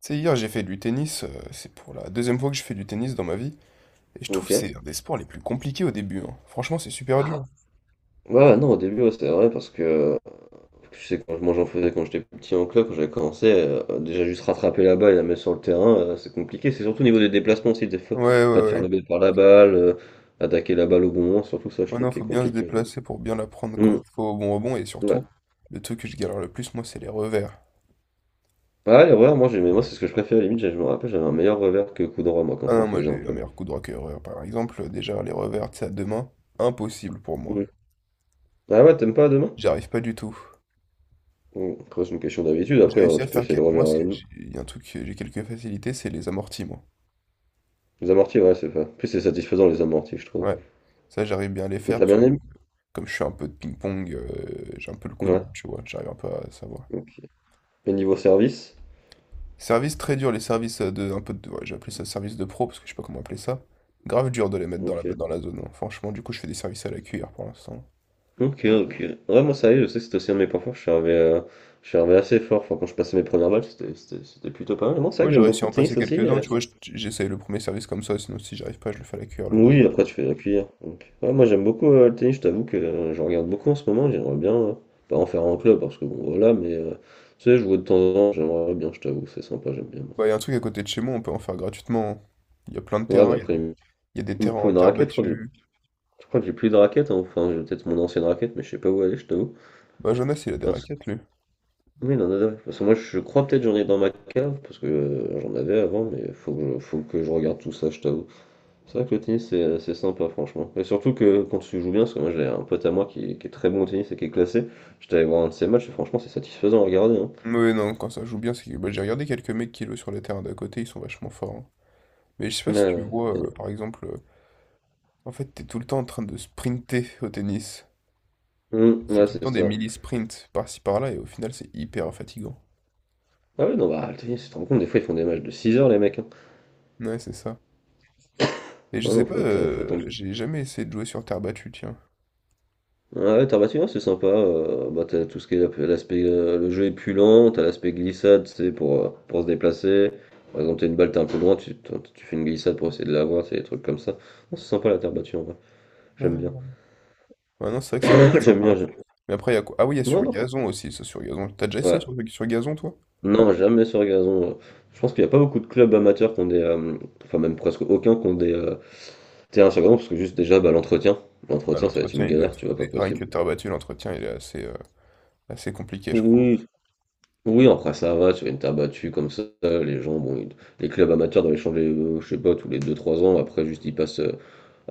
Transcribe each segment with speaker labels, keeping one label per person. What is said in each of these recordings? Speaker 1: Tu sais, hier j'ai fait du tennis, c'est pour la deuxième fois que je fais du tennis dans ma vie, et je trouve
Speaker 2: Ok.
Speaker 1: que c'est un des sports les plus compliqués au début, hein. Franchement, c'est super
Speaker 2: Ah.
Speaker 1: dur.
Speaker 2: Ouais, ouais, non, au début, ouais, c'est vrai, parce que je sais, quand, moi j'en faisais quand j'étais petit en club, quand j'avais commencé, déjà juste rattraper la balle et la mettre sur le terrain, c'est compliqué. C'est surtout au niveau des déplacements aussi, des fois,
Speaker 1: Ouais, ouais,
Speaker 2: pas de faire
Speaker 1: ouais.
Speaker 2: le bête par la balle, attaquer la balle au bon moment, surtout ça, je
Speaker 1: Ouais,
Speaker 2: trouve
Speaker 1: non,
Speaker 2: qui est
Speaker 1: faut bien se
Speaker 2: compliqué au début.
Speaker 1: déplacer pour bien l'apprendre quand
Speaker 2: Hum,
Speaker 1: il faut au bon rebond, et
Speaker 2: ouais.
Speaker 1: surtout, le truc que je galère le plus, moi, c'est les revers.
Speaker 2: Ah ouais, les revers, moi, j'aimais, moi, c'est ce que je préférais, limite, je me rappelle, j'avais un meilleur revers que coup droit, moi, quand
Speaker 1: Ah
Speaker 2: j'en
Speaker 1: non, moi
Speaker 2: faisais en
Speaker 1: j'ai un
Speaker 2: club.
Speaker 1: meilleur coup droit que revers, par exemple, déjà les revers, tu sais, à deux mains, impossible pour moi.
Speaker 2: Hum. Ah ouais, t'aimes pas demain?
Speaker 1: J'arrive pas du tout.
Speaker 2: Bon, après, c'est une question d'habitude,
Speaker 1: J'ai
Speaker 2: après, hein,
Speaker 1: réussi à
Speaker 2: tu peux
Speaker 1: faire
Speaker 2: essayer le
Speaker 1: quelques... Moi,
Speaker 2: revers à la nuit.
Speaker 1: il y a un truc que j'ai quelques facilités, c'est les amortis, moi.
Speaker 2: Les amortis, ouais, c'est pas. Plus c'est satisfaisant, les amortis, je trouve.
Speaker 1: Ouais, ça j'arrive bien à les
Speaker 2: Mais
Speaker 1: faire,
Speaker 2: t'as
Speaker 1: parce
Speaker 2: bien
Speaker 1: que
Speaker 2: aimé?
Speaker 1: comme je fais un peu de ping-pong, j'ai un peu le coup de
Speaker 2: Ouais.
Speaker 1: main, tu vois, j'arrive un peu à savoir.
Speaker 2: Ok. Et niveau service?
Speaker 1: Service très dur, les services de un peu de, ouais, j'ai appelé ça service de pro parce que je sais pas comment appeler ça. Grave dur de les mettre dans la,
Speaker 2: Ok.
Speaker 1: dans la zone, hein. Franchement, du coup, je fais des services à la cuillère pour l'instant.
Speaker 2: Ok, ok. Ouais, moi, ça y est, je sais que c'était aussi un de mes points forts. Je suis arrivé assez fort. Enfin, quand je passais mes premières balles, c'était plutôt pas mal. Non, c'est vrai
Speaker 1: Ouais,
Speaker 2: que
Speaker 1: j'ai
Speaker 2: j'aime
Speaker 1: réussi à
Speaker 2: beaucoup le
Speaker 1: en passer
Speaker 2: tennis aussi.
Speaker 1: quelques-uns,
Speaker 2: euh.
Speaker 1: tu vois, j'essaye le premier service comme ça, sinon si j'arrive pas, je le fais à la cuillère le
Speaker 2: Oui,
Speaker 1: deuxième.
Speaker 2: après, tu fais la cuillère. Donc, ouais, moi, j'aime beaucoup le tennis. Je t'avoue que je regarde beaucoup en ce moment. J'aimerais bien, pas en faire un club, parce que bon, voilà, mais tu sais, je vois de temps en temps. J'aimerais bien, je t'avoue, c'est sympa, j'aime bien.
Speaker 1: Bah, il y a un truc à côté de chez moi, on peut en faire gratuitement, hein. Il y a plein de
Speaker 2: Ouais, bah
Speaker 1: terrains, il y a
Speaker 2: après,
Speaker 1: des,
Speaker 2: il me
Speaker 1: il y a des
Speaker 2: il me
Speaker 1: terrains
Speaker 2: faut
Speaker 1: en
Speaker 2: une
Speaker 1: terre
Speaker 2: raquette. Je crois que j'ai
Speaker 1: battue.
Speaker 2: je crois que j'ai plus de raquette, hein. Enfin, j'ai peut-être mon ancienne raquette, mais je sais pas où elle est, je t'avoue.
Speaker 1: Bah, Jonas, il a des raquettes, lui.
Speaker 2: Oui, non, non, non. Parce que moi, je crois peut-être j'en ai dans ma cave, parce que j'en avais avant, mais faut que je regarde tout ça, je t'avoue. C'est vrai que le tennis, c'est sympa, franchement. Et surtout que quand tu joues bien, parce que moi, j'ai un pote à moi qui est très bon au tennis et qui est classé, j'étais allé voir un de ses matchs, et franchement, c'est satisfaisant à regarder, hein.
Speaker 1: Mais non, quand ça joue bien, c'est que bah, j'ai regardé quelques mecs qui jouent sur les terrains d'à côté, ils sont vachement forts, hein. Mais je sais pas si tu
Speaker 2: Euh,
Speaker 1: vois,
Speaker 2: euh,
Speaker 1: par exemple, en fait, t'es tout le temps en train de sprinter au tennis.
Speaker 2: hum,
Speaker 1: C'est
Speaker 2: ouais,
Speaker 1: tout le
Speaker 2: c'est
Speaker 1: temps des
Speaker 2: ça.
Speaker 1: mini-sprints par-ci par-là, et au final, c'est hyper fatigant.
Speaker 2: Ah oui, non, bah, le tennis, tu te rends compte, des fois, ils font des matchs de 6 heures, les mecs, hein.
Speaker 1: Ouais, c'est ça. Et je
Speaker 2: Non,
Speaker 1: sais
Speaker 2: non,
Speaker 1: pas,
Speaker 2: faut être, faut être.
Speaker 1: j'ai jamais essayé de jouer sur terre battue, tiens.
Speaker 2: Ouais, terre battue, ouais, c'est sympa. Bah, t'as tout ce qui est l'aspect. Le jeu est plus lent, t'as l'aspect glissade, c'est pour se déplacer. Par exemple, t'as une balle, t'es un peu loin, tu fais une glissade pour essayer de l'avoir, c'est des trucs comme ça. Non, c'est sympa la terre battue en vrai. J'aime bien.
Speaker 1: Ah. Ouais, non, c'est vrai que ça peut être
Speaker 2: J'aime
Speaker 1: sympa.
Speaker 2: bien, j'aime.
Speaker 1: Mais après, il y a quoi? Ah oui, il y a
Speaker 2: Ouais,
Speaker 1: sur
Speaker 2: non,
Speaker 1: gazon aussi, ça, sur gazon. T'as déjà essayé sur,
Speaker 2: ouais.
Speaker 1: sur gazon, toi?
Speaker 2: Non, jamais sur gazon. Je pense qu'il n'y a pas beaucoup de clubs amateurs qui ont des, enfin, même presque aucun qui ont des terrains sur gazon, parce que juste déjà, bah, l'entretien.
Speaker 1: Ouais,
Speaker 2: L'entretien, ça va être
Speaker 1: l'entretien,
Speaker 2: une
Speaker 1: il doit
Speaker 2: galère,
Speaker 1: être
Speaker 2: tu
Speaker 1: fou.
Speaker 2: vois, pas
Speaker 1: Rien
Speaker 2: possible.
Speaker 1: que t'as battu, l'entretien, il est assez, assez compliqué, je crois.
Speaker 2: Oui, oui, après ça va, tu gagnes ta battue comme ça, les gens, bon, les clubs amateurs doivent échanger, je sais pas, tous les deux trois ans, après juste ils passent,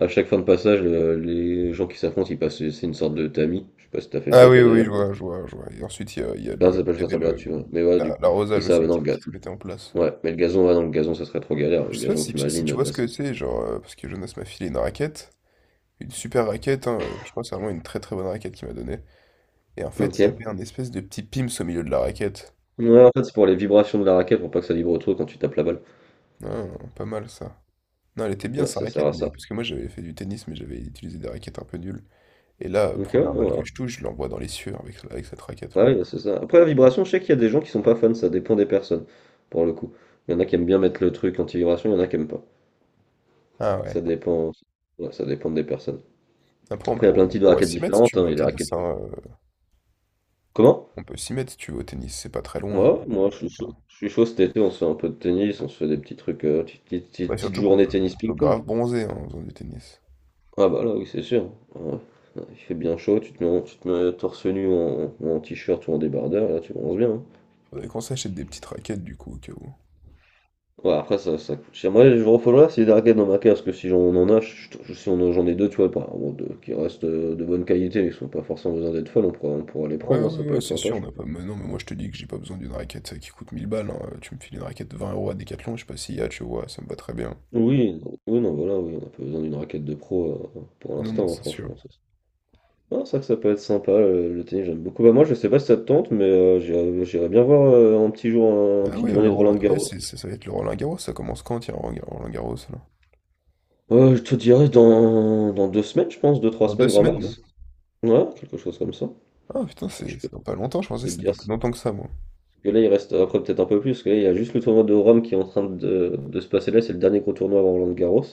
Speaker 2: à chaque fin de passage, les gens qui s'affrontent, ils passent, c'est une sorte de tamis, je sais pas si t'as fait
Speaker 1: Ah
Speaker 2: ça
Speaker 1: oui,
Speaker 2: toi
Speaker 1: oui, je
Speaker 2: d'ailleurs.
Speaker 1: vois, je vois, je vois. Et ensuite,
Speaker 2: Non, ça s'appelle
Speaker 1: il y
Speaker 2: faire
Speaker 1: avait
Speaker 2: ta battue, ouais. Mais ouais, du coup, mais
Speaker 1: l'arrosage
Speaker 2: ça,
Speaker 1: aussi
Speaker 2: non,
Speaker 1: qui,
Speaker 2: le
Speaker 1: qui se
Speaker 2: gazon,
Speaker 1: mettait en place.
Speaker 2: ouais, mais le gazon, ouais, non, le gazon, ça serait trop galère, le
Speaker 1: Je sais pas
Speaker 2: gazon,
Speaker 1: si tu, si
Speaker 2: t'imagines,
Speaker 1: tu vois ce
Speaker 2: passer.
Speaker 1: que c'est, genre, parce que Jonas m'a filé une raquette, une super raquette, hein, je crois que c'est vraiment une très très bonne raquette qu'il m'a donnée. Et en fait,
Speaker 2: Ok.
Speaker 1: il y avait un espèce de petit pims au milieu de la raquette.
Speaker 2: Ouais, en fait, c'est pour les vibrations de la raquette, pour pas que ça vibre trop quand tu tapes la balle.
Speaker 1: Non, pas mal ça. Non, elle était bien
Speaker 2: Ouais,
Speaker 1: sa
Speaker 2: ça sert
Speaker 1: raquette,
Speaker 2: à
Speaker 1: mais
Speaker 2: ça.
Speaker 1: parce que moi j'avais fait du tennis, mais j'avais utilisé des raquettes un peu nulles. Et là,
Speaker 2: Ok, ouais,
Speaker 1: première balle
Speaker 2: non,
Speaker 1: que
Speaker 2: ouais.
Speaker 1: je touche, je l'envoie dans les cieux avec cette
Speaker 2: Bah
Speaker 1: raquette-là.
Speaker 2: oui, c'est ça. Après, la vibration, je sais qu'il y a des gens qui sont pas fans, ça dépend des personnes, pour le coup. Il y en a qui aiment bien mettre le truc anti-vibration, il y en a qui aiment pas.
Speaker 1: Ah
Speaker 2: Ça
Speaker 1: ouais.
Speaker 2: dépend, ouais, ça dépend des personnes.
Speaker 1: Après,
Speaker 2: Après, il y a plein de
Speaker 1: on
Speaker 2: types de
Speaker 1: pourrait
Speaker 2: raquettes
Speaker 1: s'y mettre si
Speaker 2: différentes,
Speaker 1: tu
Speaker 2: hein.
Speaker 1: veux
Speaker 2: Il y
Speaker 1: au
Speaker 2: a des
Speaker 1: tennis,
Speaker 2: raquettes.
Speaker 1: hein.
Speaker 2: Comment?
Speaker 1: On peut s'y mettre si tu veux au tennis, c'est pas très loin.
Speaker 2: Moi, moi,
Speaker 1: Le
Speaker 2: je suis chaud.
Speaker 1: terrain.
Speaker 2: Je suis chaud cet été, on se fait un peu de tennis, on se fait des petits trucs, petites, petites-
Speaker 1: Bah,
Speaker 2: petites- petites
Speaker 1: surtout qu'on
Speaker 2: journées
Speaker 1: peut, on
Speaker 2: tennis
Speaker 1: peut
Speaker 2: ping-pong.
Speaker 1: grave bronzer hein, en faisant du tennis.
Speaker 2: Ah bah là, oui, c'est sûr. Ouais. Ouais, il fait bien chaud, tu te mets, tu te mets torse nu en, t-shirt ou en débardeur, là, tu bronzes bien, hein.
Speaker 1: Faudrait qu'on s'achète des petites raquettes du coup, au cas où.
Speaker 2: Ouais, après, ça coûte cher. Moi, je refollowerai si les arcades dans ma case, parce que si j'en en a, je- si on en- j'en ai deux, tu vois, bon, deux, qui restent de bonne qualité, mais qui sont pas forcément besoin d'être folles, on pourra les
Speaker 1: Ouais,
Speaker 2: prendre, hein, ça
Speaker 1: ouais,
Speaker 2: peut
Speaker 1: ouais,
Speaker 2: être
Speaker 1: c'est
Speaker 2: sympa,
Speaker 1: sûr, on
Speaker 2: je
Speaker 1: n'a pas.
Speaker 2: pense.
Speaker 1: Mais non, mais moi je te dis que j'ai pas besoin d'une raquette qui coûte 1000 balles, hein. Tu me files une raquette de 20 euros à Decathlon, je sais pas s'il y a, tu vois, ça me va très bien.
Speaker 2: Oui, non, oui, non, voilà, oui, on n'a pas besoin d'une raquette de pro pour
Speaker 1: Non, non,
Speaker 2: l'instant, hein,
Speaker 1: c'est sûr.
Speaker 2: franchement. Ça, c'est Ah, c'est vrai que ça peut être sympa, tennis, j'aime beaucoup. Bah, moi, je sais pas si ça te tente, mais j'irais bien voir un petit jour, une
Speaker 1: Ah
Speaker 2: petite
Speaker 1: ouais, le
Speaker 2: journée de
Speaker 1: Roland... ouais,
Speaker 2: Roland-Garros.
Speaker 1: ça va être le Roland-Garros, ça commence quand, tiens, Roland-Garros, là?
Speaker 2: Je te dirais dans 2 semaines, je pense, deux, trois
Speaker 1: Dans deux
Speaker 2: semaines, grand
Speaker 1: semaines? là?
Speaker 2: max. Ouais, quelque chose comme ça.
Speaker 1: Ah putain,
Speaker 2: Je
Speaker 1: c'est
Speaker 2: peux,
Speaker 1: c'est dans pas longtemps, je
Speaker 2: je
Speaker 1: pensais
Speaker 2: peux
Speaker 1: que
Speaker 2: te
Speaker 1: c'était
Speaker 2: dire
Speaker 1: dans plus longtemps que ça, moi.
Speaker 2: que là, il reste après peut-être un peu plus, parce que là, il y a juste le tournoi de Rome qui est en train de se passer là, c'est le dernier gros tournoi avant Roland Garros.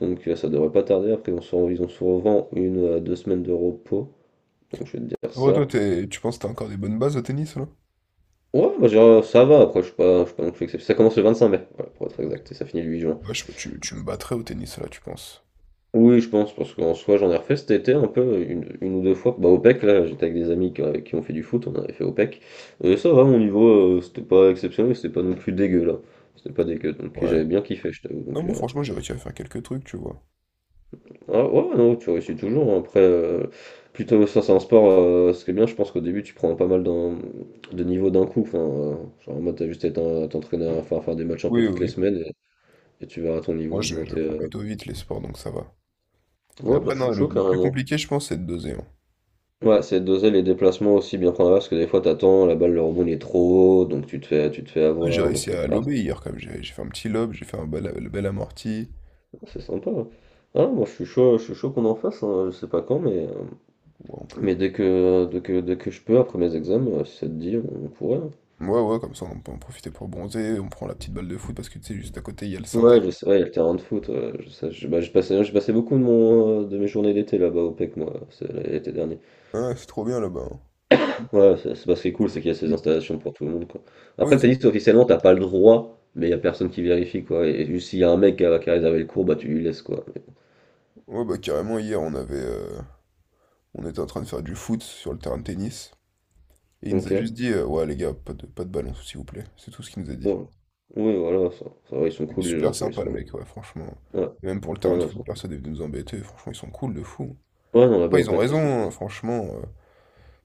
Speaker 2: Donc ça devrait pas tarder, après ils ont souvent une à 2 semaines de repos. Donc je vais te dire
Speaker 1: Ouais, toi,
Speaker 2: ça.
Speaker 1: tu penses que t'as encore des bonnes bases au tennis, là?
Speaker 2: Ouais, bah, genre, ça va, après je suis pas non plus exceptionnel. Ça commence le 25 mai, voilà, pour être exact, et ça finit le 8 juin.
Speaker 1: Ouais, je sais pas, tu me battrais au tennis, là, tu penses?
Speaker 2: Oui, je pense, parce qu'en soi j'en ai refait cet été un peu, une ou deux fois. Bah au PEC, là, j'étais avec des amis qui ont fait du foot, on avait fait au PEC. Et ça va, mon niveau, c'était pas exceptionnel, mais c'était pas non plus dégueu là. C'était pas dégueu, donc et
Speaker 1: Ouais.
Speaker 2: j'avais bien kiffé, je t'avoue.
Speaker 1: Non,
Speaker 2: Donc,
Speaker 1: moi,
Speaker 2: euh,
Speaker 1: franchement, j'ai réussi à faire quelques trucs, tu vois.
Speaker 2: Ah, ouais, non, tu réussis toujours, hein. Après, plutôt, ça, c'est un sport. Ce qui est bien, je pense qu'au début, tu prends pas mal de niveaux d'un coup. Enfin, genre, en mode, t'as juste à à t'entraîner à faire des matchs un peu
Speaker 1: Oui, oui.
Speaker 2: toutes les
Speaker 1: Oui.
Speaker 2: semaines et tu verras ton niveau
Speaker 1: Moi,
Speaker 2: augmenter.
Speaker 1: j'apprends
Speaker 2: euh.
Speaker 1: plutôt vite les sports, donc ça va. Mais
Speaker 2: Ouais, bah,
Speaker 1: après,
Speaker 2: je
Speaker 1: non,
Speaker 2: suis
Speaker 1: le,
Speaker 2: chaud
Speaker 1: le plus
Speaker 2: carrément.
Speaker 1: compliqué, je pense, c'est de doser, hein.
Speaker 2: Ouais, c'est doser les déplacements aussi bien prendre parce que des fois, t'attends, la balle, le rebond, il est trop haut, donc tu te fais
Speaker 1: Ouais, j'ai
Speaker 2: avoir, donc
Speaker 1: réussi
Speaker 2: faut
Speaker 1: à
Speaker 2: faire attention.
Speaker 1: lober hier, quand même. J'ai fait un petit lob, j'ai fait le bel amorti.
Speaker 2: C'est sympa, ouais. Ah, moi, je suis chaud qu'on en fasse, hein, je sais pas quand, mais,
Speaker 1: Ouais, on peut.
Speaker 2: dès que je peux, après mes examens, si ça te dit, on pourrait, hein.
Speaker 1: Ouais, ouais, comme ça, on peut en profiter pour bronzer. On prend la petite balle de foot, parce que, tu sais, juste à côté, il y a le synthé.
Speaker 2: Ouais, je sais, ouais, il y a le terrain de foot, ouais, je sais, bah, j'ai passé je passais beaucoup de mon, de mes journées d'été là-bas au PEC, moi, l'été dernier.
Speaker 1: Ouais, c'est trop bien, là-bas, hein.
Speaker 2: Ouais, c'est parce qui est cool, c'est qu'il y a ces installations pour tout le monde, quoi.
Speaker 1: Oui,
Speaker 2: Après,
Speaker 1: ils
Speaker 2: t'as
Speaker 1: ont...
Speaker 2: dit que officiellement, t'as pas le droit, mais il y a personne qui vérifie, quoi. Et, juste s'il y a un mec qui a réservé le cours, bah tu lui laisses, quoi.
Speaker 1: Ouais, bah, carrément, hier, on avait... on était en train de faire du foot sur le terrain de tennis. Et il nous
Speaker 2: Ok.
Speaker 1: a juste dit, ouais les gars, pas de ballon, s'il vous plaît. C'est tout ce qu'il nous a dit.
Speaker 2: Ouais. Oui, voilà, ça va, ils sont cool, les gens,
Speaker 1: Super
Speaker 2: tu vois, ils
Speaker 1: sympa le
Speaker 2: sont.
Speaker 1: mec, ouais, franchement.
Speaker 2: Ouais,
Speaker 1: Et même pour le
Speaker 2: ouais,
Speaker 1: terrain de
Speaker 2: non,
Speaker 1: foot, personne est venu nous embêter. Franchement, ils sont cool de fou.
Speaker 2: ouais, non là-bas
Speaker 1: Ouais,
Speaker 2: au
Speaker 1: ils ont
Speaker 2: PEC, ils
Speaker 1: raison,
Speaker 2: sont
Speaker 1: hein,
Speaker 2: plus.
Speaker 1: franchement.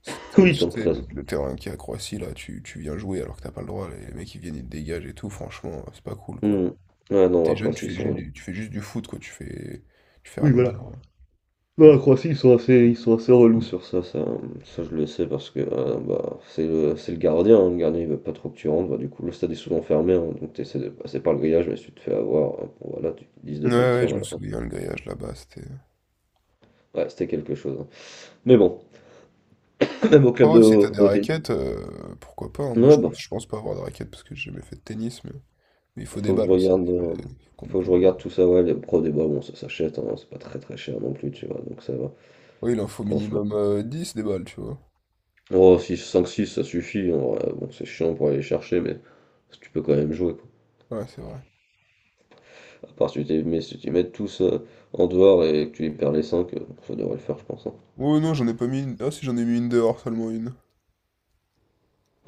Speaker 2: Oui,
Speaker 1: Tu
Speaker 2: tant que
Speaker 1: sais,
Speaker 2: ça.
Speaker 1: le terrain qui est à Croatie, là, tu viens jouer alors que t'as pas le droit. Les mecs, ils viennent, ils te dégagent et tout. Franchement, c'est pas cool, quoi.
Speaker 2: Hmm. Ouais, non,
Speaker 1: T'es
Speaker 2: après,
Speaker 1: jeune, tu
Speaker 2: s'ils
Speaker 1: fais
Speaker 2: sont.
Speaker 1: juste
Speaker 2: Oui,
Speaker 1: du, tu fais juste du foot, quoi. Tu fais rien
Speaker 2: oui,
Speaker 1: de
Speaker 2: voilà.
Speaker 1: mal, hein.
Speaker 2: Non, la Croatie, ils sont assez relous sur ça, ça, ça je le sais parce que bah, c'est le gardien, hein, le gardien il veut pas trop que tu rentres, bah, du coup le stade est souvent fermé, hein, donc tu essaies de passer par le grillage, mais si tu te fais avoir, hein, bon, voilà, tu te disent de
Speaker 1: Ouais, ouais,
Speaker 2: partir,
Speaker 1: je me
Speaker 2: voilà.
Speaker 1: souviens, le grillage là-bas, c'était...
Speaker 2: Ouais, c'était quelque chose, hein. Mais bon, même au club
Speaker 1: Oh,
Speaker 2: de
Speaker 1: ouais, si t'as des
Speaker 2: au tennis,
Speaker 1: raquettes, pourquoi pas, hein. Moi,
Speaker 2: ouais, bah,
Speaker 1: je pense pas avoir de raquettes parce que j'ai jamais fait de tennis, mais il faut des
Speaker 2: faut que je
Speaker 1: balles aussi,
Speaker 2: regarde, euh,
Speaker 1: il faut qu'on me
Speaker 2: faut que je
Speaker 1: prenne des
Speaker 2: regarde
Speaker 1: balles.
Speaker 2: tout ça, ouais, les pro débats, bon, ça s'achète, hein, c'est pas très très cher non plus, tu vois, donc ça va,
Speaker 1: Oui, il en faut
Speaker 2: franchement.
Speaker 1: minimum 10 des balles, tu vois.
Speaker 2: Oh, six cinq six ça suffit, hein, ouais, bon, c'est chiant pour aller les chercher, mais tu peux quand même jouer, quoi.
Speaker 1: Ouais, c'est vrai.
Speaker 2: À part si tu les mets tous en dehors et que tu les perds les 5 ça devrait le faire, je pense, hein.
Speaker 1: Oh non, j'en ai pas mis une... Ah si, j'en ai mis une dehors, seulement une.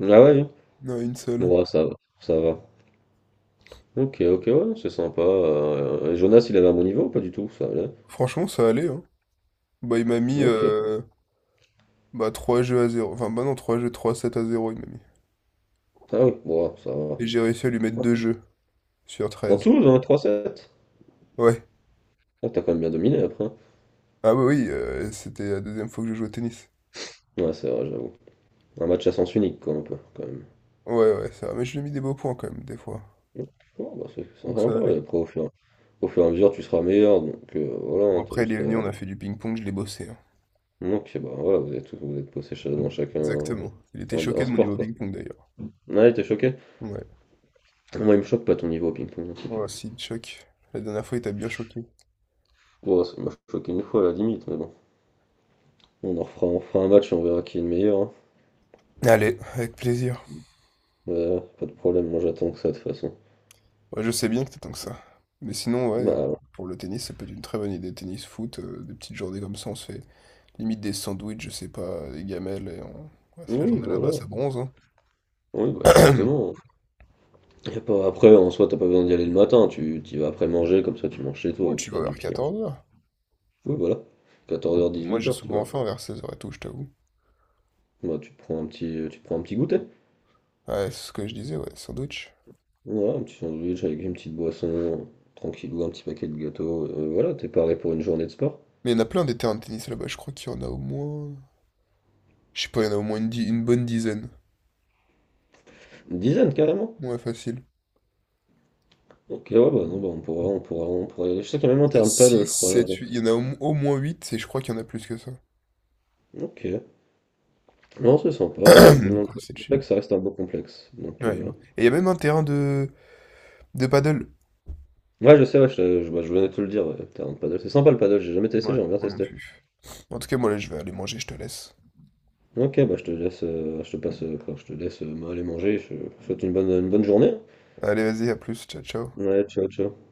Speaker 2: Ah ouais, hein.
Speaker 1: Non, une seule.
Speaker 2: Bon, ouais, ça va, ça va. Ok, ok, ouais, c'est sympa. Et Jonas, il avait un bon niveau ou pas du tout? Ça allait.
Speaker 1: Franchement, ça allait, hein. Bah, il m'a mis
Speaker 2: Ok.
Speaker 1: bah, 3 jeux à zéro. Enfin, bah non, trois jeux, 3 7 à zéro il m'a mis.
Speaker 2: Ah oui, bon, ouais, ça va.
Speaker 1: Et j'ai réussi à lui mettre
Speaker 2: Ouais.
Speaker 1: 2 jeux sur
Speaker 2: En
Speaker 1: 13.
Speaker 2: tout, dans 3-7.
Speaker 1: Ouais.
Speaker 2: Ah, t'as quand même bien dominé après, hein.
Speaker 1: Ah bah oui, c'était la deuxième fois que je jouais au tennis.
Speaker 2: Ouais, c'est vrai, j'avoue. Un match à sens unique, quoi, un peu, quand même.
Speaker 1: Ouais, ouais, ça va. Mais je lui ai mis des beaux points quand même, des fois.
Speaker 2: Donc, ouais, bah, c'est
Speaker 1: Donc
Speaker 2: sympa,
Speaker 1: ça
Speaker 2: hein.
Speaker 1: allait. Ok.
Speaker 2: Et après, au fur et à mesure, tu seras meilleur. Donc,
Speaker 1: Bon,
Speaker 2: voilà, hein, t'as
Speaker 1: après, il est
Speaker 2: juste.
Speaker 1: venu,
Speaker 2: euh,
Speaker 1: on a fait du ping-pong, je l'ai bossé, hein.
Speaker 2: Donc, bah, ouais, vous êtes dans chacun hein.
Speaker 1: Exactement. Il était
Speaker 2: Un
Speaker 1: choqué de mon
Speaker 2: sport,
Speaker 1: niveau
Speaker 2: quoi.
Speaker 1: ping-pong d'ailleurs.
Speaker 2: Ouais, t'es choqué?
Speaker 1: Ouais.
Speaker 2: Moi, il me choque pas ton niveau au ping-pong, hein, c'est clair.
Speaker 1: Ouais, si, il te La dernière fois, il t'a bien choqué.
Speaker 2: Bon, ça, il m'a choqué une fois à la limite, mais bon. On en refera, on fera un match et on verra qui est le meilleur, hein.
Speaker 1: Allez, avec plaisir.
Speaker 2: Ouais, pas de problème, moi j'attends que ça de toute façon.
Speaker 1: Ouais, je sais bien que t'attends que ça. Mais sinon, ouais,
Speaker 2: Bah,
Speaker 1: pour le tennis, ça peut être une très bonne idée. Tennis, foot, des petites journées comme ça, on se fait limite des sandwichs, je sais pas, des gamelles. Et on... Ouais, c'est la
Speaker 2: oui,
Speaker 1: journée là-bas,
Speaker 2: voilà.
Speaker 1: ça bronze, hein.
Speaker 2: Oui, bah exactement. Y a pas... Après, en soi, t'as pas besoin d'y aller le matin, tu t'y vas après manger, comme ça tu manges chez toi,
Speaker 1: Ouais,
Speaker 2: au
Speaker 1: tu vas
Speaker 2: pire du
Speaker 1: vers
Speaker 2: pire.
Speaker 1: 14 heures.
Speaker 2: Oui, voilà. Quatorze heures
Speaker 1: Moi,
Speaker 2: dix-huit
Speaker 1: j'ai
Speaker 2: heures tu
Speaker 1: souvent
Speaker 2: vois.
Speaker 1: faim vers 16 heures et tout, je t'avoue.
Speaker 2: Bah, tu te prends un petit, tu te prends un petit goûter.
Speaker 1: Ouais, c'est ce que je disais, ouais, sandwich.
Speaker 2: Voilà, un petit sandwich avec une petite boisson, tranquillou, un petit paquet de gâteaux. Voilà, t'es paré pour une journée de sport.
Speaker 1: Mais il y en a plein des terrains de tennis là-bas, je crois qu'il y en a au moins. Je sais pas, il y en a au moins une, une bonne dizaine.
Speaker 2: Une dizaine, carrément.
Speaker 1: Ouais, facile.
Speaker 2: Ok, ouais, bah non, bah on pourra y aller. Je sais qu'il y a même un
Speaker 1: Il y en a
Speaker 2: terrain de paddle,
Speaker 1: 6,
Speaker 2: je crois, là-bas.
Speaker 1: 7, il y en a au moins 8. Et je crois qu'il y en a plus que ça.
Speaker 2: Ok. Non, c'est sympa, ouais, j'avoue, le
Speaker 1: Donc ouais, c'est chill.
Speaker 2: complexe, ça reste un beau complexe. Donc,
Speaker 1: Ouais, il est beau. Et il y a même un terrain de paddle.
Speaker 2: ouais, je sais, ouais, bah, je venais de te le dire, ouais, le terrain de paddle. C'est sympa le paddle, j'ai jamais testé,
Speaker 1: Ouais,
Speaker 2: j'aimerais bien
Speaker 1: moi non
Speaker 2: tester.
Speaker 1: plus. En tout cas, moi là, je vais aller manger, je te laisse.
Speaker 2: Ok, bah, je te laisse, je te passe, quoi, je te laisse aller manger, je te souhaite une bonne journée.
Speaker 1: Allez, vas-y, à plus, ciao, ciao.
Speaker 2: Ouais, ciao, ciao.